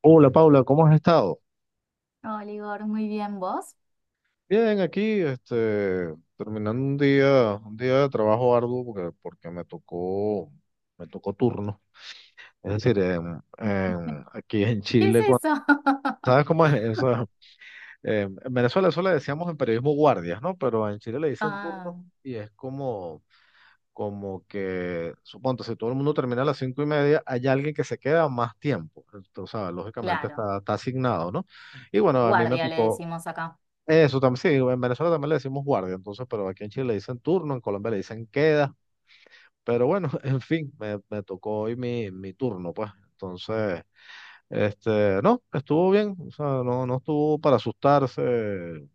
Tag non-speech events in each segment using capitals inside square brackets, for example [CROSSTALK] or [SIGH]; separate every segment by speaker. Speaker 1: Hola Paula, ¿cómo has estado?
Speaker 2: Hola, Igor, muy bien, ¿vos?
Speaker 1: Bien, aquí, terminando un día de trabajo arduo porque me tocó turno. Es decir,
Speaker 2: [LAUGHS]
Speaker 1: aquí en
Speaker 2: ¿Qué es
Speaker 1: Chile,
Speaker 2: eso?
Speaker 1: ¿sabes
Speaker 2: [LAUGHS]
Speaker 1: cómo es eso? En Venezuela eso le decíamos en periodismo guardias, ¿no? Pero en Chile le dicen
Speaker 2: Ah,
Speaker 1: turno y es como, que, suponte, si todo el mundo termina a las 5:30, hay alguien que se queda más tiempo. Entonces, o sea, lógicamente
Speaker 2: claro,
Speaker 1: está asignado, ¿no? Y bueno, a mí me
Speaker 2: guardia le
Speaker 1: tocó.
Speaker 2: decimos acá.
Speaker 1: Eso también, sí, en Venezuela también le decimos guardia, entonces, pero aquí en Chile le dicen turno, en Colombia le dicen queda, pero bueno, [LAUGHS] en fin, me tocó hoy mi turno, pues. Entonces, no, estuvo bien, o sea, no, no estuvo para asustarse,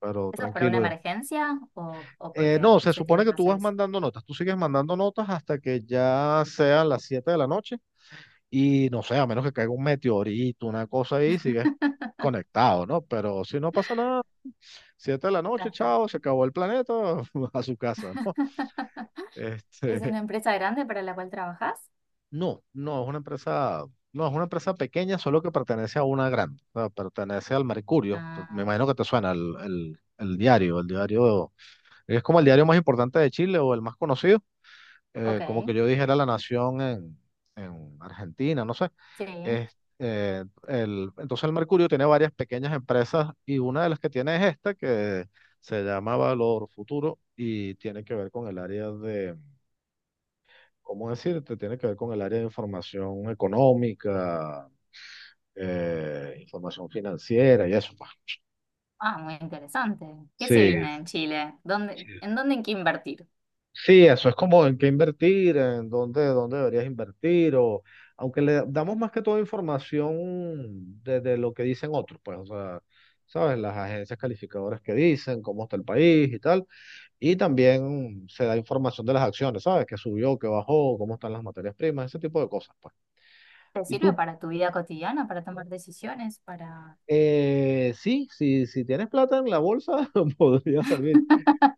Speaker 1: pero
Speaker 2: ¿Eso es para una
Speaker 1: tranquilo.
Speaker 2: emergencia o por qué
Speaker 1: No, se
Speaker 2: se
Speaker 1: supone
Speaker 2: tiene
Speaker 1: que
Speaker 2: que
Speaker 1: tú
Speaker 2: hacer
Speaker 1: vas
Speaker 2: eso?
Speaker 1: mandando notas, tú sigues mandando notas hasta que ya sean las 7 de la noche. Y no sé, a menos que caiga un meteorito, una cosa ahí, sigues conectado, ¿no? Pero si no pasa nada, siete de la
Speaker 2: Ya
Speaker 1: noche,
Speaker 2: está.
Speaker 1: chao, se acabó el planeta, [LAUGHS] a su casa, ¿no?
Speaker 2: [LAUGHS] ¿Es
Speaker 1: Este,
Speaker 2: una empresa grande para la cual trabajas?
Speaker 1: no, no, es una empresa, no, es una empresa pequeña, solo que pertenece a una grande, o sea, pertenece al Mercurio. Me
Speaker 2: Ah,
Speaker 1: imagino que te suena el diario, es como el diario más importante de Chile o el más conocido.
Speaker 2: ok,
Speaker 1: Como que yo dijera la nación en, Argentina, no sé.
Speaker 2: sí.
Speaker 1: Entonces el Mercurio tiene varias pequeñas empresas y una de las que tiene es esta que se llama Valor Futuro y tiene que ver con el área de, ¿cómo decirte? Tiene que ver con el área de información económica, información financiera y eso, pues.
Speaker 2: Ah, muy interesante. ¿Qué se
Speaker 1: Sí,
Speaker 2: viene en Chile? ¿Dónde, en dónde hay que invertir?
Speaker 1: sí, eso es como en qué invertir, en dónde, dónde deberías invertir, o aunque le damos más que toda información de lo que dicen otros, pues, o sea, sabes, las agencias calificadoras que dicen, cómo está el país y tal, y también se da información de las acciones, sabes, que subió, que bajó, cómo están las materias primas, ese tipo de cosas, pues.
Speaker 2: ¿Te
Speaker 1: Y
Speaker 2: sirve
Speaker 1: tú,
Speaker 2: para tu vida cotidiana, para tomar decisiones, para...
Speaker 1: sí, si tienes plata en la bolsa, [LAUGHS] podría servir.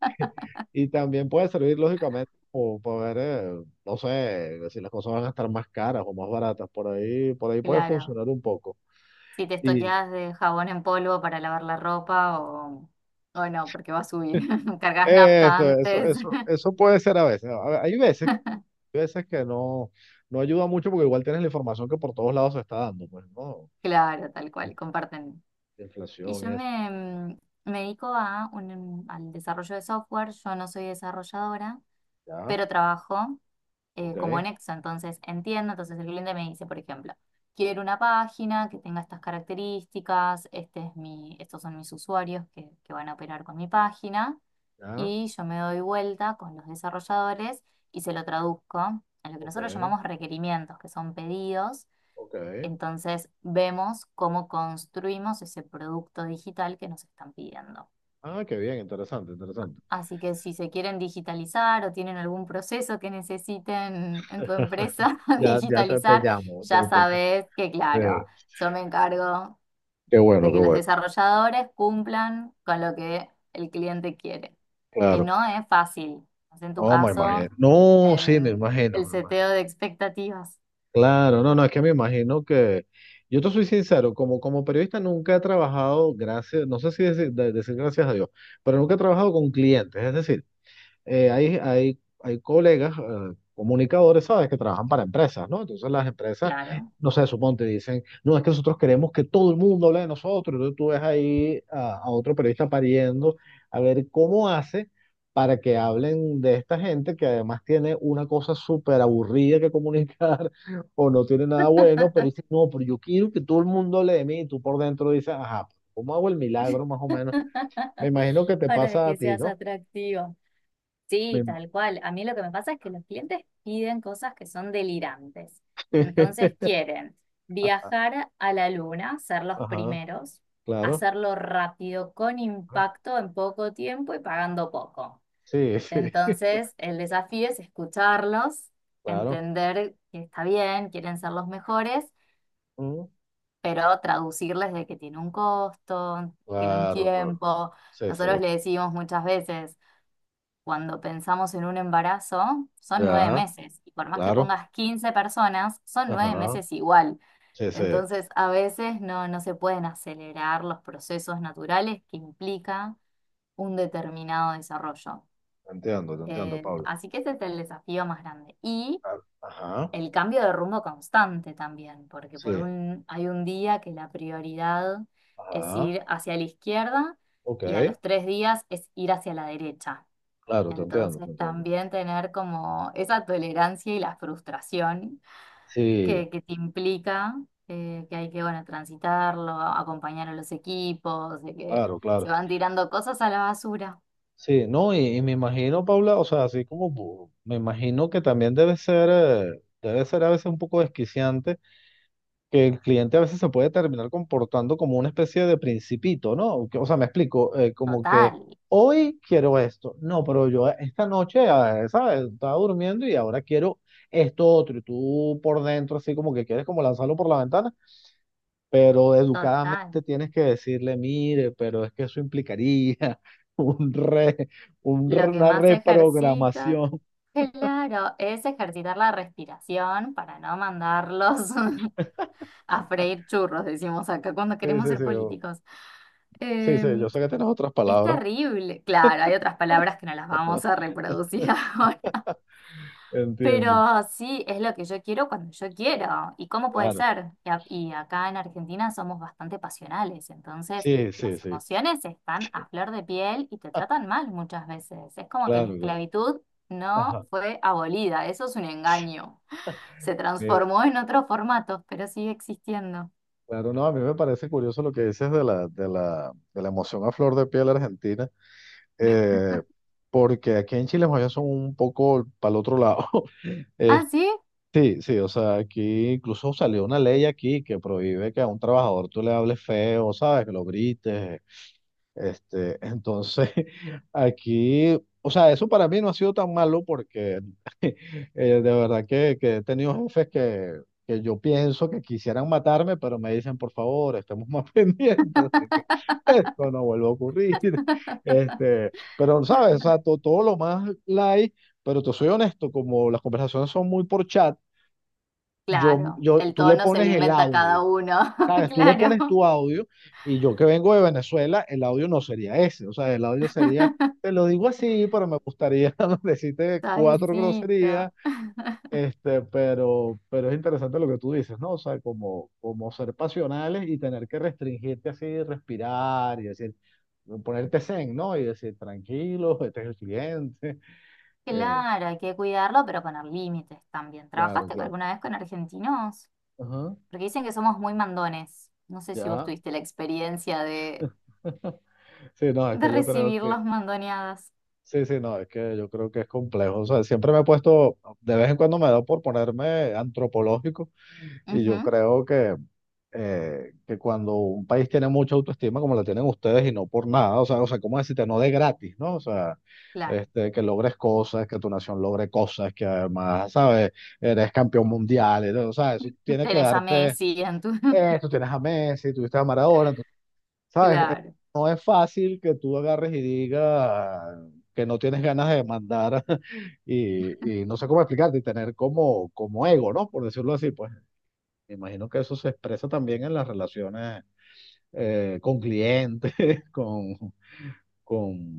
Speaker 1: [LAUGHS] Y también puede servir, lógicamente, como para ver, no sé, si las cosas van a estar más caras o más baratas. Por ahí puede
Speaker 2: Claro.
Speaker 1: funcionar un poco.
Speaker 2: Si te
Speaker 1: Y
Speaker 2: estoqueás de jabón en polvo para lavar la ropa o no, porque va a subir. [LAUGHS] Cargas nafta antes. [LAUGHS]
Speaker 1: eso puede ser a veces. Hay veces que no, no ayuda mucho porque igual tienes la información que por todos lados se está dando, pues, ¿no?
Speaker 2: Claro, tal cual,
Speaker 1: In-
Speaker 2: comparten. Y
Speaker 1: Inflación y
Speaker 2: yo
Speaker 1: eso.
Speaker 2: me dedico al desarrollo de software. Yo no soy desarrolladora,
Speaker 1: Ya,
Speaker 2: pero trabajo.
Speaker 1: ok,
Speaker 2: Como nexo. Entonces entiendo, entonces el cliente me dice, por ejemplo, quiero una página que tenga estas características, estos son mis usuarios que van a operar con mi página,
Speaker 1: ya,
Speaker 2: y yo me doy vuelta con los desarrolladores y se lo traduzco a lo que
Speaker 1: ok,
Speaker 2: nosotros llamamos requerimientos, que son pedidos.
Speaker 1: ok.
Speaker 2: Entonces vemos cómo construimos ese producto digital que nos están pidiendo.
Speaker 1: Ah, qué bien, interesante, interesante.
Speaker 2: Así que si se quieren digitalizar o tienen algún proceso que necesiten en tu empresa
Speaker 1: [LAUGHS]
Speaker 2: [LAUGHS]
Speaker 1: Ya, ya te
Speaker 2: digitalizar,
Speaker 1: llamo.
Speaker 2: ya sabes que, claro,
Speaker 1: Te-
Speaker 2: yo me encargo
Speaker 1: Qué bueno,
Speaker 2: de
Speaker 1: qué
Speaker 2: que los
Speaker 1: bueno.
Speaker 2: desarrolladores cumplan con lo que el cliente quiere, que
Speaker 1: Claro.
Speaker 2: no es fácil. En tu
Speaker 1: No, me imagino.
Speaker 2: caso,
Speaker 1: No, sí, me
Speaker 2: en
Speaker 1: imagino,
Speaker 2: el
Speaker 1: me imagino.
Speaker 2: seteo de expectativas,
Speaker 1: Claro, no, no, es que me imagino que. Yo te soy sincero, como, periodista nunca he trabajado, gracias, no sé si decir, decir gracias a Dios, pero nunca he trabajado con clientes. Es decir, hay colegas, comunicadores, ¿sabes?, que trabajan para empresas, ¿no? Entonces las empresas,
Speaker 2: claro.
Speaker 1: no sé, suponte, dicen, no, es que nosotros queremos que todo el mundo hable de nosotros. Entonces tú ves ahí a otro periodista pariendo a ver cómo hace para que hablen de esta gente que además tiene una cosa súper aburrida que comunicar [LAUGHS] o no tiene nada bueno, pero dice no, pero yo quiero que todo el mundo hable de mí y tú por dentro dices, ajá, ¿cómo hago el milagro más o menos? Me
Speaker 2: [LAUGHS]
Speaker 1: imagino que te
Speaker 2: Para
Speaker 1: pasa a
Speaker 2: que
Speaker 1: ti,
Speaker 2: seas
Speaker 1: ¿no?
Speaker 2: atractiva.
Speaker 1: Me
Speaker 2: Sí,
Speaker 1: im-
Speaker 2: tal cual. A mí lo que me pasa es que los clientes piden cosas que son delirantes. Entonces quieren
Speaker 1: [LAUGHS]
Speaker 2: viajar a la luna, ser los
Speaker 1: Ajá,
Speaker 2: primeros,
Speaker 1: claro.
Speaker 2: hacerlo rápido, con impacto, en poco tiempo y pagando poco.
Speaker 1: Sí, [LAUGHS] sí,
Speaker 2: Entonces el desafío es escucharlos,
Speaker 1: claro.
Speaker 2: entender que está bien, quieren ser los mejores,
Speaker 1: Mm,
Speaker 2: pero traducirles de que tiene un costo, tiene un
Speaker 1: claro, claro.
Speaker 2: tiempo.
Speaker 1: Sí, sí.
Speaker 2: Nosotros le decimos muchas veces, cuando pensamos en un embarazo, son nueve
Speaker 1: Ya,
Speaker 2: meses, y por más que
Speaker 1: claro.
Speaker 2: pongas 15 personas, son nueve
Speaker 1: Ajá.
Speaker 2: meses igual.
Speaker 1: Sí, sí.
Speaker 2: Entonces, a veces no se pueden acelerar los procesos naturales que implica un determinado desarrollo.
Speaker 1: Te entiendo, Pablo.
Speaker 2: Así que ese es el desafío más grande. Y
Speaker 1: Claro. Ajá.
Speaker 2: el cambio de rumbo constante también, porque
Speaker 1: Sí.
Speaker 2: hay un día que la prioridad es
Speaker 1: Ajá.
Speaker 2: ir hacia la izquierda y a
Speaker 1: Ok.
Speaker 2: los 3 días es ir hacia la derecha.
Speaker 1: Claro, te entiendo,
Speaker 2: Entonces
Speaker 1: te entiendo.
Speaker 2: también tener como esa tolerancia y la frustración que,
Speaker 1: Sí,
Speaker 2: que te implica que hay que, bueno, transitarlo, acompañar a los equipos, de que
Speaker 1: claro,
Speaker 2: se
Speaker 1: claro.
Speaker 2: van tirando cosas a la basura.
Speaker 1: Sí, no, y me imagino, Paula, o sea, así como me imagino que también debe ser a veces un poco desquiciante, que el cliente a veces se puede terminar comportando como una especie de principito, ¿no? O sea, me explico, como que
Speaker 2: Total,
Speaker 1: hoy quiero esto, no, pero yo esta noche, ¿sabes? Estaba durmiendo y ahora quiero esto otro, y tú por dentro así como que quieres como lanzarlo por la ventana, pero educadamente
Speaker 2: total.
Speaker 1: tienes que decirle, mire, pero es que eso implicaría [LAUGHS] un re,
Speaker 2: Lo que
Speaker 1: una
Speaker 2: más ejercito,
Speaker 1: reprogramación.
Speaker 2: claro, es ejercitar la respiración para no mandarlos [LAUGHS] a freír churros, decimos acá cuando
Speaker 1: Sí,
Speaker 2: queremos
Speaker 1: sí,
Speaker 2: ser
Speaker 1: sí,
Speaker 2: políticos.
Speaker 1: sí, sí, yo
Speaker 2: Em,
Speaker 1: sé que tienes otras
Speaker 2: es
Speaker 1: palabras,
Speaker 2: terrible. Claro, hay otras palabras que no las vamos a reproducir [LAUGHS] ahora,
Speaker 1: [LAUGHS] entiendo,
Speaker 2: pero sí, es lo que yo quiero cuando yo quiero. ¿Y cómo puede
Speaker 1: claro.
Speaker 2: ser? Y acá en Argentina somos bastante pasionales, entonces
Speaker 1: Sí, sí,
Speaker 2: las
Speaker 1: sí.
Speaker 2: emociones están
Speaker 1: [LAUGHS]
Speaker 2: a flor de piel y te tratan mal muchas veces. Es como que la
Speaker 1: Claro, claro.
Speaker 2: esclavitud no
Speaker 1: Ajá.
Speaker 2: fue abolida, eso es un engaño. Se
Speaker 1: Eh,
Speaker 2: transformó en otros formatos, pero sigue existiendo.
Speaker 1: Claro, no, a mí me parece curioso lo que dices de la emoción a flor de piel argentina, eh, porque aquí en Chile más bien son un poco para el otro lado. [LAUGHS] Eh,
Speaker 2: ¿Ah, sí?
Speaker 1: sí, sí, o sea, aquí incluso salió una ley aquí que prohíbe que a un trabajador tú le hables feo, ¿sabes? Que lo grites. Entonces, [LAUGHS] aquí, o sea, eso para mí no ha sido tan malo porque [LAUGHS] de verdad que he tenido jefes que yo pienso que quisieran matarme, pero me dicen, por favor, estemos más [LAUGHS] pendientes de que esto no vuelva a ocurrir.
Speaker 2: [LAUGHS]
Speaker 1: Pero, ¿sabes? O sea, todo lo más light, pero te soy honesto, como las conversaciones son muy por chat, yo,
Speaker 2: Claro, el
Speaker 1: tú le
Speaker 2: tono se
Speaker 1: pones
Speaker 2: lo
Speaker 1: el
Speaker 2: inventa
Speaker 1: audio.
Speaker 2: cada uno, [LAUGHS]
Speaker 1: ¿Sabes? Tú le pones
Speaker 2: claro.
Speaker 1: tu audio y yo que vengo de Venezuela, el audio no sería ese. O sea, el audio sería,
Speaker 2: [LAUGHS]
Speaker 1: te lo digo así, pero me gustaría [LAUGHS] decirte cuatro
Speaker 2: Suavecito.
Speaker 1: groserías. Pero es interesante lo que tú dices, ¿no? O sea, como, ser pasionales y tener que restringirte así, respirar y decir, ponerte zen, ¿no? Y decir, tranquilo, este es el siguiente. [LAUGHS] Eh,
Speaker 2: Claro, hay que cuidarlo, pero poner límites también.
Speaker 1: claro,
Speaker 2: ¿Trabajaste
Speaker 1: claro.
Speaker 2: alguna vez con argentinos?
Speaker 1: Ajá,
Speaker 2: Porque dicen que somos muy mandones. No sé si vos
Speaker 1: ya.
Speaker 2: tuviste la experiencia de,
Speaker 1: [LAUGHS] Sí, no, es
Speaker 2: de
Speaker 1: que yo creo
Speaker 2: recibir
Speaker 1: que
Speaker 2: las mandoneadas.
Speaker 1: sí, sí, no, es que yo creo que es complejo. O sea, siempre me he puesto, de vez en cuando me da por ponerme antropológico y yo
Speaker 2: Ujú,
Speaker 1: creo que cuando un país tiene mucha autoestima como la tienen ustedes y no por nada, o sea, ¿cómo decirte? No de gratis, ¿no? O sea,
Speaker 2: claro.
Speaker 1: que logres cosas, que tu nación logre cosas, que además, ¿sabes? Eres campeón mundial, o sea, eso
Speaker 2: [LAUGHS]
Speaker 1: tiene que
Speaker 2: Tenés a
Speaker 1: darte,
Speaker 2: Messi en tu... [LAUGHS]
Speaker 1: tú tienes a Messi, tuviste a Maradona. ¿Sabes?
Speaker 2: Claro.
Speaker 1: No es fácil que tú agarres y digas que no tienes ganas de demandar [LAUGHS] y, no sé cómo explicarte, y tener como, ego, ¿no? Por decirlo así, pues me imagino que eso se expresa también en las relaciones, con clientes, [LAUGHS] con,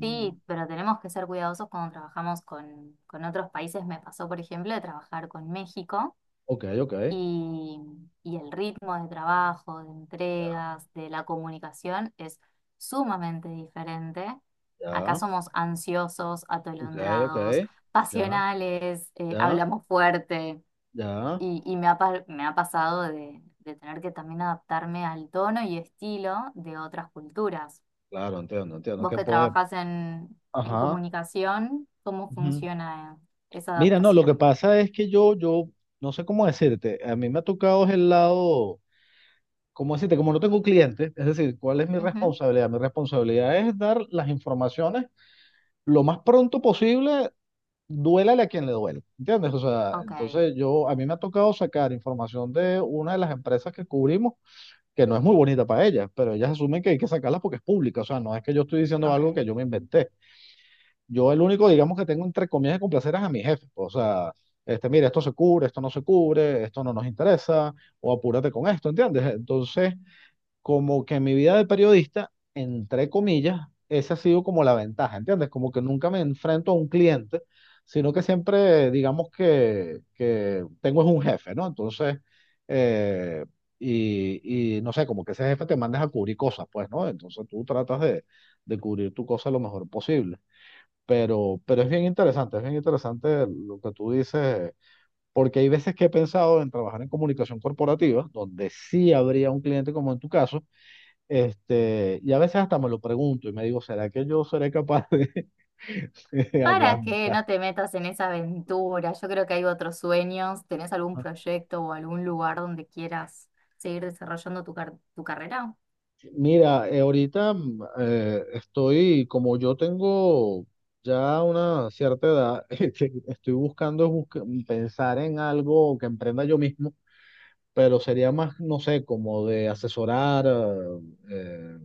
Speaker 2: Sí, pero tenemos que ser cuidadosos cuando trabajamos con otros países. Me pasó, por ejemplo, de trabajar con México
Speaker 1: ok, ok,
Speaker 2: y, y el ritmo de trabajo, de
Speaker 1: ya,
Speaker 2: entregas, de la comunicación es sumamente diferente. Acá
Speaker 1: ya,
Speaker 2: somos ansiosos,
Speaker 1: ok, ok,
Speaker 2: atolondrados,
Speaker 1: ya,
Speaker 2: pasionales,
Speaker 1: ya,
Speaker 2: hablamos fuerte
Speaker 1: ya,
Speaker 2: y me ha, pa- me ha pasado de tener que también adaptarme al tono y estilo de otras culturas.
Speaker 1: claro, entiendo, entiendo,
Speaker 2: Vos
Speaker 1: que
Speaker 2: que
Speaker 1: poder,
Speaker 2: trabajás en
Speaker 1: ajá.
Speaker 2: comunicación, ¿cómo funciona esa
Speaker 1: Mira, no, lo que
Speaker 2: adaptación?
Speaker 1: pasa es que yo, no sé cómo decirte, a mí me ha tocado es el lado, cómo decirte, como no tengo clientes, es decir, ¿cuál es mi
Speaker 2: Ujú,
Speaker 1: responsabilidad? Mi responsabilidad es dar las informaciones lo más pronto posible, duélale a quien le duele, ¿entiendes? O sea,
Speaker 2: ok,
Speaker 1: entonces yo, a mí me ha tocado sacar información de una de las empresas que cubrimos, que no es muy bonita para ellas, pero ellas asumen que hay que sacarla porque es pública, o sea, no es que yo estoy diciendo
Speaker 2: ok.
Speaker 1: algo que yo me inventé. Yo el único, digamos, que tengo entre comillas que complacer es a mi jefe, pues, o sea, mira, esto se cubre, esto no se cubre, esto no nos interesa, o apúrate con esto, ¿entiendes? Entonces, como que en mi vida de periodista, entre comillas, esa ha sido como la ventaja, ¿entiendes? Como que nunca me enfrento a un cliente, sino que siempre, digamos, que tengo es un jefe, ¿no? Entonces, eh, y, no sé, como que ese jefe te mandas a cubrir cosas, pues, ¿no? Entonces tú tratas de cubrir tu cosa lo mejor posible. Pero es bien interesante lo que tú dices, porque hay veces que he pensado en trabajar en comunicación corporativa, donde sí habría un cliente como en tu caso. Y a veces hasta me lo pregunto y me digo, ¿será que yo seré capaz de, [LAUGHS] de
Speaker 2: Para que
Speaker 1: aguantar?
Speaker 2: no te metas en esa aventura, yo creo que hay otros sueños. ¿Tenés algún proyecto o algún lugar donde quieras seguir desarrollando tu carrera?
Speaker 1: Mira, ahorita estoy, como yo tengo ya una cierta edad, [LAUGHS] estoy pensar en algo que emprenda yo mismo, pero sería más, no sé, como de asesorar. eh,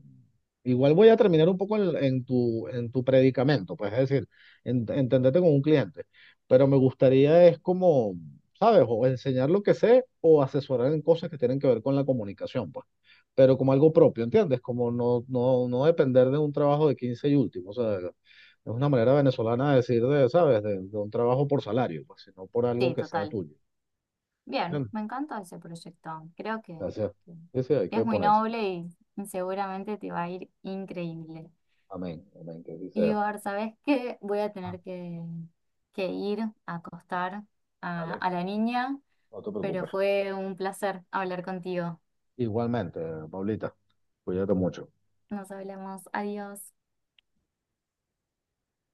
Speaker 1: Igual voy a terminar un poco en, en tu predicamento, pues es decir, entenderte con un cliente, pero me gustaría es como, ¿sabes? O enseñar lo que sé o asesorar en cosas que tienen que ver con la comunicación, pues, pero como algo propio, ¿entiendes? Como no, no, no depender de un trabajo de 15 y último, o sea, es una manera venezolana de decir, de, ¿sabes? De un trabajo por salario, pues, sino por algo
Speaker 2: Sí,
Speaker 1: que sea
Speaker 2: total.
Speaker 1: tuyo.
Speaker 2: Bien,
Speaker 1: Bien,
Speaker 2: me encanta ese proyecto. Creo que,
Speaker 1: gracias.
Speaker 2: que
Speaker 1: Sí, sí, hay que
Speaker 2: es muy
Speaker 1: ponerse.
Speaker 2: noble y seguramente te va a ir increíble.
Speaker 1: Amén, amén, que así sea.
Speaker 2: Ibar, ¿sabes qué? Voy a
Speaker 1: Ah,
Speaker 2: tener que, ir a acostar a,
Speaker 1: dale,
Speaker 2: a la niña,
Speaker 1: no te
Speaker 2: pero
Speaker 1: preocupes.
Speaker 2: fue un placer hablar contigo.
Speaker 1: Igualmente, Paulita, cuídate mucho.
Speaker 2: Nos hablamos. Adiós.